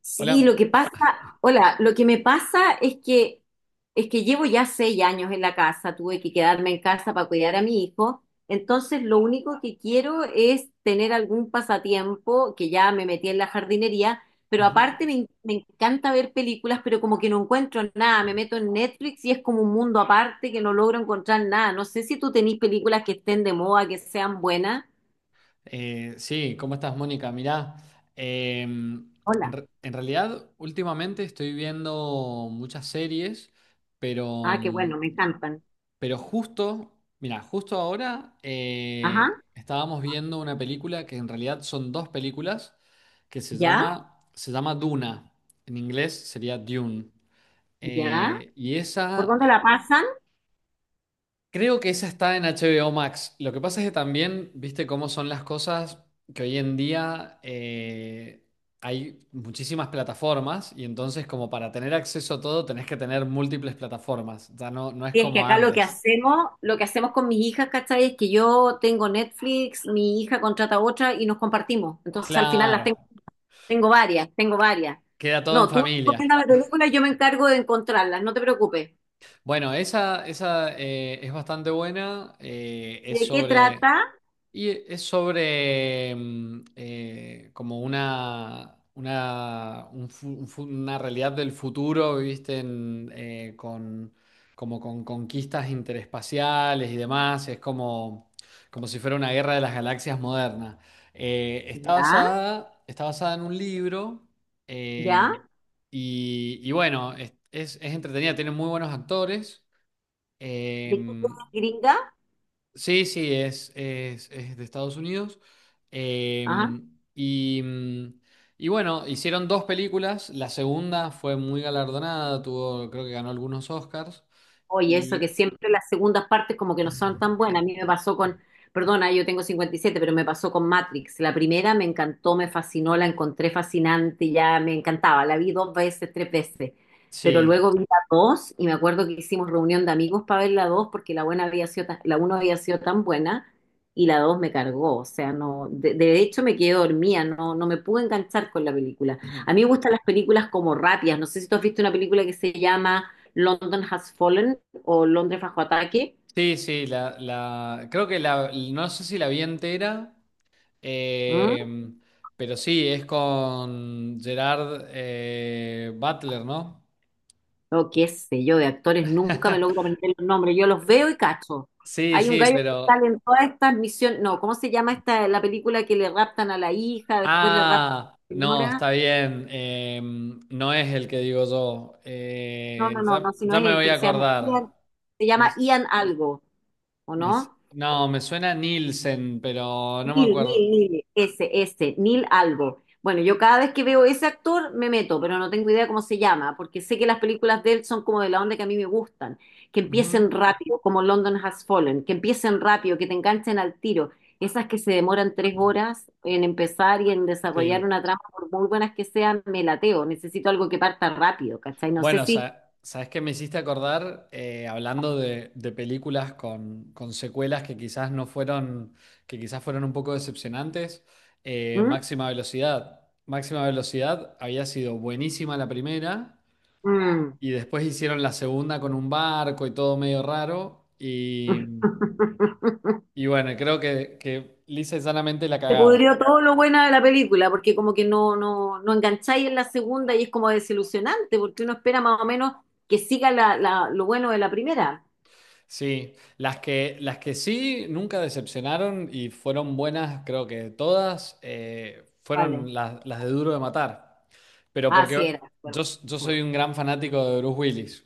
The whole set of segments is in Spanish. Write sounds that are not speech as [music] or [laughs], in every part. Sí, lo Hola. que pasa, hola, lo que me pasa es que llevo ya 6 años en la casa. Tuve que quedarme en casa para cuidar a mi hijo, entonces lo único que quiero es tener algún pasatiempo, que ya me metí en la jardinería, pero Ujú. aparte me encanta ver películas, pero como que no encuentro nada. Me meto en Netflix y es como un mundo aparte que no logro encontrar nada. No sé si tú tenés películas que estén de moda, que sean buenas. Sí, ¿cómo estás, Mónica? Mirá, em, Hola. En realidad últimamente estoy viendo muchas series, pero, Ah, qué bueno, mm, me encantan. pero mira, justo ahora Ajá, estábamos viendo una película que en realidad son dos películas que ya, se llama Duna. En inglés sería Dune. ya. Eh, y ¿Por esa dónde la pasan? Creo que esa está en HBO Max. Lo que pasa es que también, viste cómo son las cosas, que hoy en día hay muchísimas plataformas y entonces como para tener acceso a todo tenés que tener múltiples plataformas. Ya no es Sí, es que como acá antes. Lo que hacemos con mis hijas, ¿cachai? Es que yo tengo Netflix, mi hija contrata otra y nos compartimos. Entonces al final las tengo, Claro, tengo varias, tengo varias. queda todo en No, tú familia. recomiendas la película y yo me encargo de encontrarlas, no te preocupes. Bueno, esa es bastante buena. Es ¿De qué sobre trata? Y es sobre como una, un fu- una realidad del futuro, ¿viste? Como con conquistas interespaciales y demás. Como si fuera una guerra de las galaxias moderna. Ya, Está basada en un libro ya. eh, y bueno, es entretenida, tiene muy buenos actores. eh, ¿De qué trata, gringa? Sí, es de Estados Unidos. Eh, Ajá. y, mm, y bueno, hicieron dos películas. La segunda fue muy galardonada, tuvo, creo que ganó algunos Oscars. Oye, eso que Y siempre las segundas partes como que no son tan buenas. A mí me pasó con, perdona, yo tengo 57, pero me pasó con Matrix. La primera me encantó, me fascinó, la encontré fascinante, ya me encantaba. La vi dos veces, tres veces. Pero sí, luego vi la dos y me acuerdo que hicimos reunión de amigos para ver la dos porque la buena había sido tan- la uno había sido tan buena y la dos me cargó. O sea, no, de hecho me quedé dormida, no, no me pude enganchar con la película. A mí me [clears throat] gustan las películas como rápidas. No sé si tú has visto una película que se llama London Has Fallen, o Londres bajo ataque, sí, creo que no sé si la vi entera, ¿m? eh, pero sí, es con Gerard Butler, ¿no? O qué sé yo, de actores nunca me logro [laughs] aprender los nombres, yo los veo y cacho. Sí, Hay un sí, gallo que pero sale en todas estas misiones, no, ¿cómo se llama esta, la película que le raptan a la hija, después le raptan ah, a la no, señora? está bien. No es el que digo yo. No, no, no, no, si no Ya es me él, voy a pero acordar. Se Me- llama Ian algo, ¿o me- no? no, me suena Nielsen, pero no me Neil, acuerdo. Neil, Neil, ese, Neil algo. Bueno, yo cada vez que veo ese actor me meto, pero no tengo idea cómo se llama, porque sé que las películas de él son como de la onda que a mí me gustan, que Ujú, empiecen rápido, como London Has Fallen, que empiecen rápido, que te enganchen al tiro. Esas que se demoran 3 horas en empezar y en desarrollar sí. una trama, por muy buenas que sean, me lateo. Necesito algo que parta rápido, ¿cachai? No sé Bueno, si. ¿Sabes qué me hiciste acordar? Hablando de películas con secuelas que quizás no fueron, que quizás fueron un poco decepcionantes. ¿Mm? Máxima Velocidad. Máxima Velocidad había sido buenísima la primera. Mm. Y después hicieron la segunda con un barco y todo medio raro. [laughs] Y bueno, creo que lisa y llanamente la Se cagaron. pudrió todo lo bueno de la película, porque como que no engancháis en la segunda y es como desilusionante, porque uno espera más o menos que siga lo bueno de la primera. Sí, las que sí nunca decepcionaron y fueron buenas, creo que todas, Vale. Las de Duro de Matar. Pero Ah, porque sí era. Bueno, yo bueno. soy un gran fanático de Bruce Willis.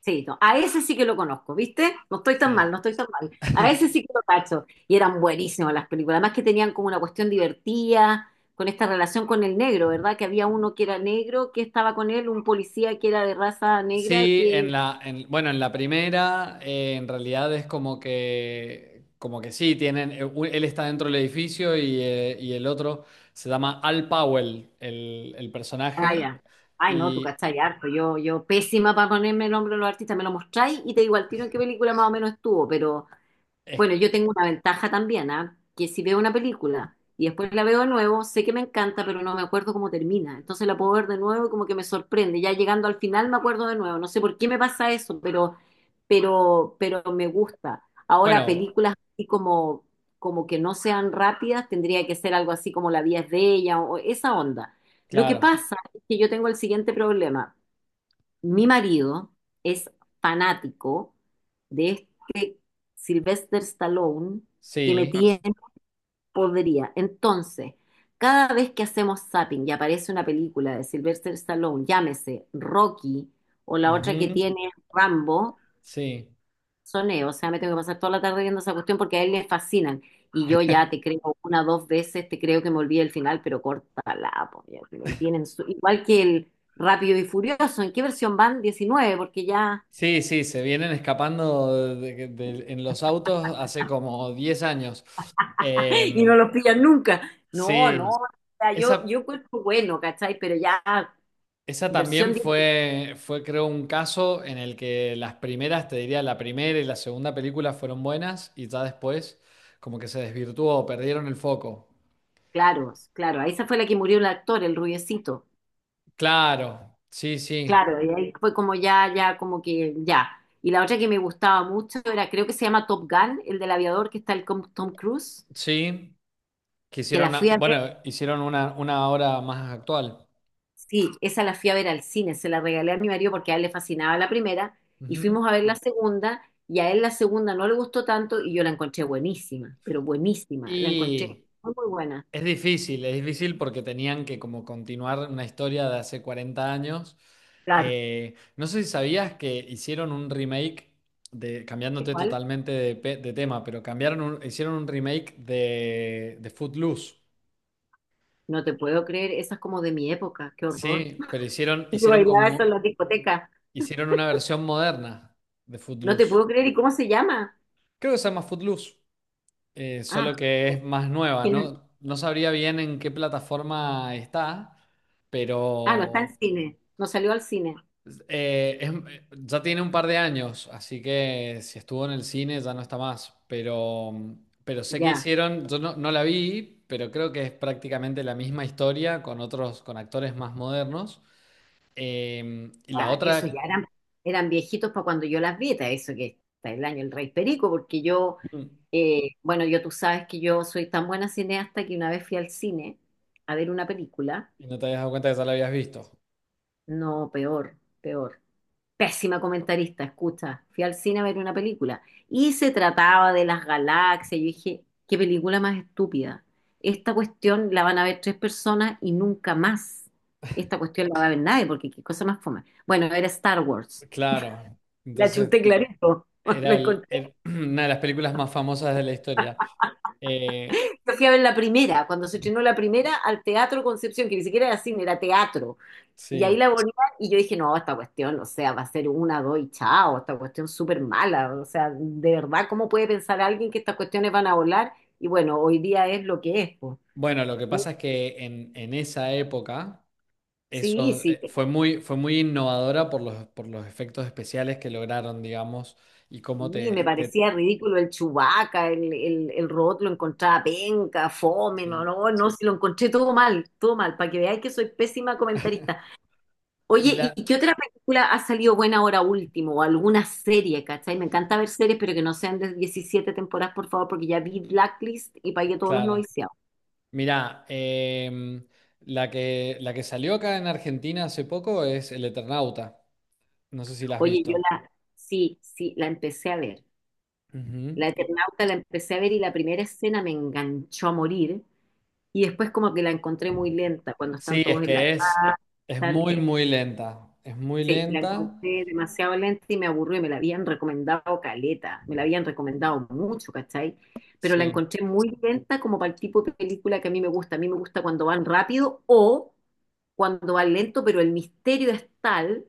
Sí, no, a ese sí que lo conozco, ¿viste? No estoy tan Sí. mal, no estoy tan mal. A [laughs] ese sí que lo cacho. Y eran buenísimas las películas. Además que tenían como una cuestión divertida, con esta relación con el negro, ¿verdad? Que había uno que era negro, que estaba con él, un policía que era de raza negra, Sí, que. Bueno, en la primera, en realidad es como como que sí, tienen, él está dentro del edificio y el otro se llama Al Powell, el Ah, personaje. ya. Ay, no, tú Y cachai harto. Yo pésima para ponerme el nombre de los artistas. Me lo mostráis y te digo al tiro en qué película más o menos estuvo. Pero es, bueno, yo tengo una ventaja también, ¿ah? Que si veo una película y después la veo de nuevo, sé que me encanta, pero no me acuerdo cómo termina. Entonces la puedo ver de nuevo y como que me sorprende. Ya llegando al final me acuerdo de nuevo. No sé por qué me pasa eso, pero me gusta. Ahora, bueno, películas así como que no sean rápidas, tendría que ser algo así como La vida es bella o esa onda. Lo que claro, pasa es que yo tengo el siguiente problema. Mi marido es fanático de este Sylvester Stallone, que me sí, tiene podría. Entonces, cada vez que hacemos zapping y aparece una película de Sylvester Stallone, llámese Rocky o la otra que ujú, tiene Rambo, sí. soné, o sea, me tengo que pasar toda la tarde viendo esa cuestión porque a él le fascinan. Y yo ya te creo una, dos veces, te creo que me olvidé el final, pero córtala, po, ya que lo tienen igual que el Rápido y Furioso. ¿En qué versión van? 19, porque ya, Sí, sí, se vienen escapando en los autos hace como 10 años. [laughs] y no Em, los pillan nunca. No, no, sí, o sea, yo, esa. yo encuentro bueno, ¿cachai? Pero ya, Esa también versión 10, fue, creo, un caso en el que las primeras, te diría, la primera y la segunda película fueron buenas y ya después como que se desvirtuó, perdieron el foco. claro, claro, esa fue la que murió el actor, el rubiecito. Claro, Claro, y ahí fue como ya, ya, como que ya. Y la otra que me gustaba mucho era, creo que se llama Top Gun, el del aviador, que está el Tom Cruise, sí, que que la hicieron, fui a ver, bueno, hicieron una obra más actual. sí, esa la fui a ver al cine, se la regalé a mi marido porque a él le fascinaba la primera, y Ujú. fuimos a ver la segunda, y a él la segunda no le gustó tanto, y yo la encontré buenísima, pero buenísima, la encontré Y muy, muy buena. es difícil, es difícil porque tenían que como continuar una historia de hace 40 años. Claro, No sé si sabías que hicieron un remake de, ¿de cambiándote cuál? totalmente de, de tema, pero cambiaron hicieron un remake de Footloose. No te puedo creer, esa es como de mi época, qué horror. Sí, pero [laughs] Yo hicieron bailaba eso en como, la discoteca, hicieron una versión moderna de no te Footloose. puedo creer, ¿y cómo se llama? Creo que se llama Footloose, Ah, solo que es más nueva, ¿quién es? ¿no? No sabría bien en qué plataforma está, Ah, no está en pero cine, no salió al cine. Ya tiene un par de años, así que si estuvo en el cine ya no está más. Pero sé que Ya, hicieron, yo no la vi, pero creo que es prácticamente la misma historia con otros, con actores más modernos. Y la ah, eso ya otra, eran viejitos para cuando yo las vi, ta, eso que está el año el Rey Perico. Porque yo, mm, bueno, yo, tú sabes que yo soy tan buena cineasta que una vez fui al cine a ver una película, y no te habías dado cuenta que ya la habías visto. no, peor, peor. Pésima comentarista, escucha, fui al cine a ver una película y se trataba de las galaxias. Yo dije, qué película más estúpida. Esta cuestión la van a ver tres personas y nunca más. Esta cuestión la va a ver nadie porque qué cosa más fome. Bueno, era Star Wars. Claro. La Entonces, chuté clarito. [laughs] Lo era, encontré. [clears throat] Una de las películas más famosas de la historia. Eh, Yo fui a ver la primera, cuando se estrenó la primera, al Teatro Concepción, que ni siquiera era cine, era teatro. Y ahí sí. la ponían y yo dije, no, esta cuestión, o sea, va a ser una, dos y chao, esta cuestión súper mala, o sea, de verdad, ¿cómo puede pensar alguien que estas cuestiones van a volar? Y bueno, hoy día es lo que es, pues. Bueno, lo que Un- pasa es que en esa época. Sí, Eso sí, fue muy innovadora por por los efectos especiales que lograron, digamos, y cómo y me parecía ridículo el Chewbacca, el robot lo encontraba penca, fome, no, sí. no, no, si lo encontré todo mal, para que veáis que soy pésima comentarista. Oye, Y la, ¿y qué otra película ha salido buena ahora último? O alguna serie, ¿cachai? Me encanta ver series, pero que no sean de 17 temporadas, por favor, porque ya vi Blacklist y pagué todos los claro, noviciados. mirá, la la que salió acá en Argentina hace poco es El Eternauta. No sé si la has Oye, visto. Sí, sí, la empecé a ver. Ujú. La Eternauta la empecé a ver y la primera escena me enganchó a morir. Y después como que la encontré muy lenta, cuando están Sí, es todos en la que casa, es están- muy, es muy lenta. Es muy Sí, la lenta. encontré demasiado lenta y me aburrió y me la habían recomendado caleta, me la habían recomendado mucho, ¿cachai? Pero la Sí, encontré muy lenta como para el tipo de película que a mí me gusta. A mí me gusta cuando van rápido o cuando van lento, pero el misterio es tal,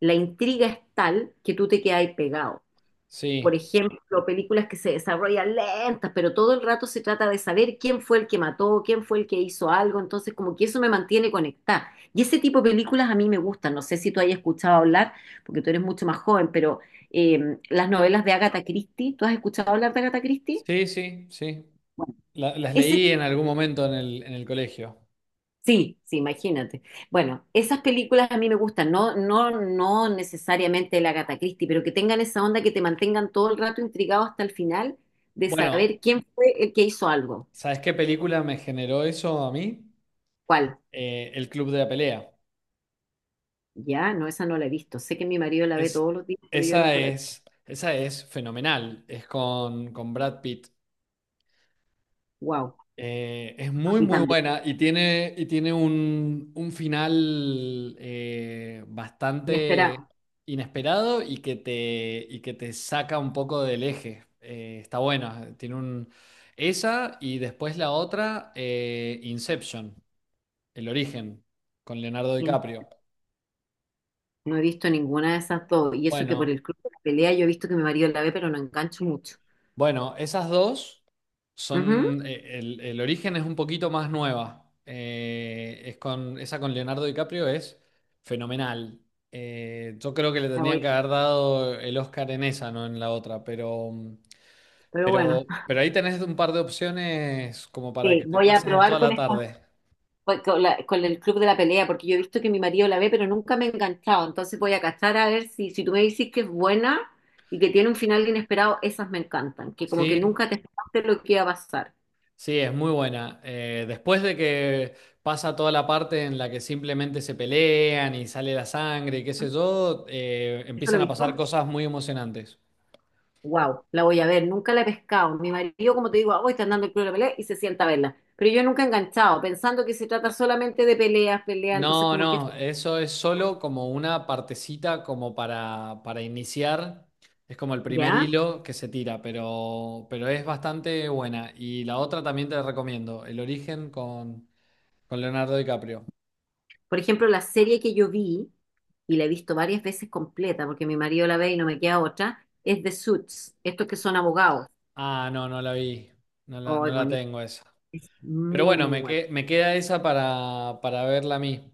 la intriga es tal que tú te quedas ahí pegado. Por sí, ejemplo, películas que se desarrollan lentas, pero todo el rato se trata de saber quién fue el que mató, quién fue el que hizo algo, entonces como que eso me mantiene conectada. Y ese tipo de películas a mí me gustan, no sé si tú hayas escuchado hablar, porque tú eres mucho más joven. Pero las novelas de Agatha Christie, ¿tú has escuchado hablar de Agatha Christie? sí, sí, sí. Bueno, Las ese. leí en algún momento en en el colegio. Sí, sí, imagínate. Bueno, esas películas a mí me gustan, no, no, no necesariamente la Agatha Christie, pero que tengan esa onda que te mantengan todo el rato intrigado hasta el final de Bueno, saber quién fue el que hizo algo. ¿sabes qué película me generó eso a mí? ¿Cuál? El Club de la Pelea. Ya, no, esa no la he visto. Sé que mi marido la ve Es, todos los días, pero yo Esa nunca la he visto. Esa es fenomenal. Es con Brad Pitt. Wow, Es a muy, mí muy también. buena y y tiene un final bastante Inesperado. inesperado y que y que te saca un poco del eje. Está buena. Tiene un, esa y después la otra, Inception, El origen, con Leonardo In- DiCaprio. No he visto ninguna de esas dos. Y eso que por Bueno, el club de la pelea yo he visto que mi marido la ve, pero no engancho mucho. bueno, esas dos Ujú, son, el origen es un poquito más nueva. Esa con Leonardo DiCaprio es fenomenal. Yo creo que le la tendrían voy que haber a- dado el Oscar en esa, no en la otra, Pero bueno, [laughs] pero ahí tenés un par de opciones como para que sí, te voy a pases toda probar con la esta. tarde. Pues con el club de la pelea, porque yo he visto que mi marido la ve, pero nunca me he enganchado. Entonces voy a cachar a ver si tú me dices que es buena y que tiene un final inesperado, esas me encantan, que como que Sí, nunca te esperaste lo que iba a pasar. sí, es muy buena. Después de que pasa toda la parte en la que simplemente se pelean y sale la sangre y qué sé yo, ¿Eso lo empiezan he a visto? pasar cosas muy emocionantes. Wow, la voy a ver, nunca la he pescado. Mi marido, como te digo, hoy está andando el club de la pelea y se sienta a verla. Pero yo nunca he enganchado, pensando que se trata solamente de peleas, peleas, entonces No, como que. no, eso es solo como una partecita como para iniciar. Es como el primer ¿Ya? hilo que se tira, pero es bastante buena. Y la otra también te la recomiendo, El origen con Leonardo DiCaprio. Por ejemplo, la serie que yo vi, y la he visto varias veces completa, porque mi marido la ve y no me queda otra, es The Suits, estos que son abogados. Ah, no, no la vi. No Ay, la bonito. tengo esa. Es Pero muy, bueno, muy buena. Me queda esa para verla a mí.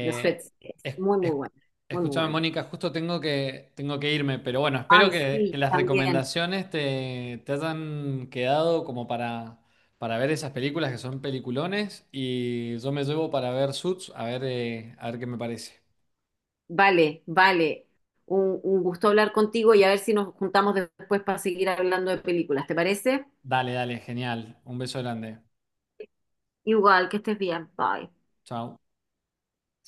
The Suits es es- muy, muy es- buena. Muy, muy Escúchame, buena. Mónica, justo tengo tengo que irme, pero bueno, espero Ay, sí, que las también. recomendaciones te hayan quedado como para ver esas películas que son peliculones y yo me llevo para ver Suits a ver qué me parece. Vale, vale. Un gusto hablar contigo y a ver si nos juntamos después para seguir hablando de películas. ¿Te parece? Dale, dale, genial. Un beso grande. Igual, que estés bien. Bye. Chao.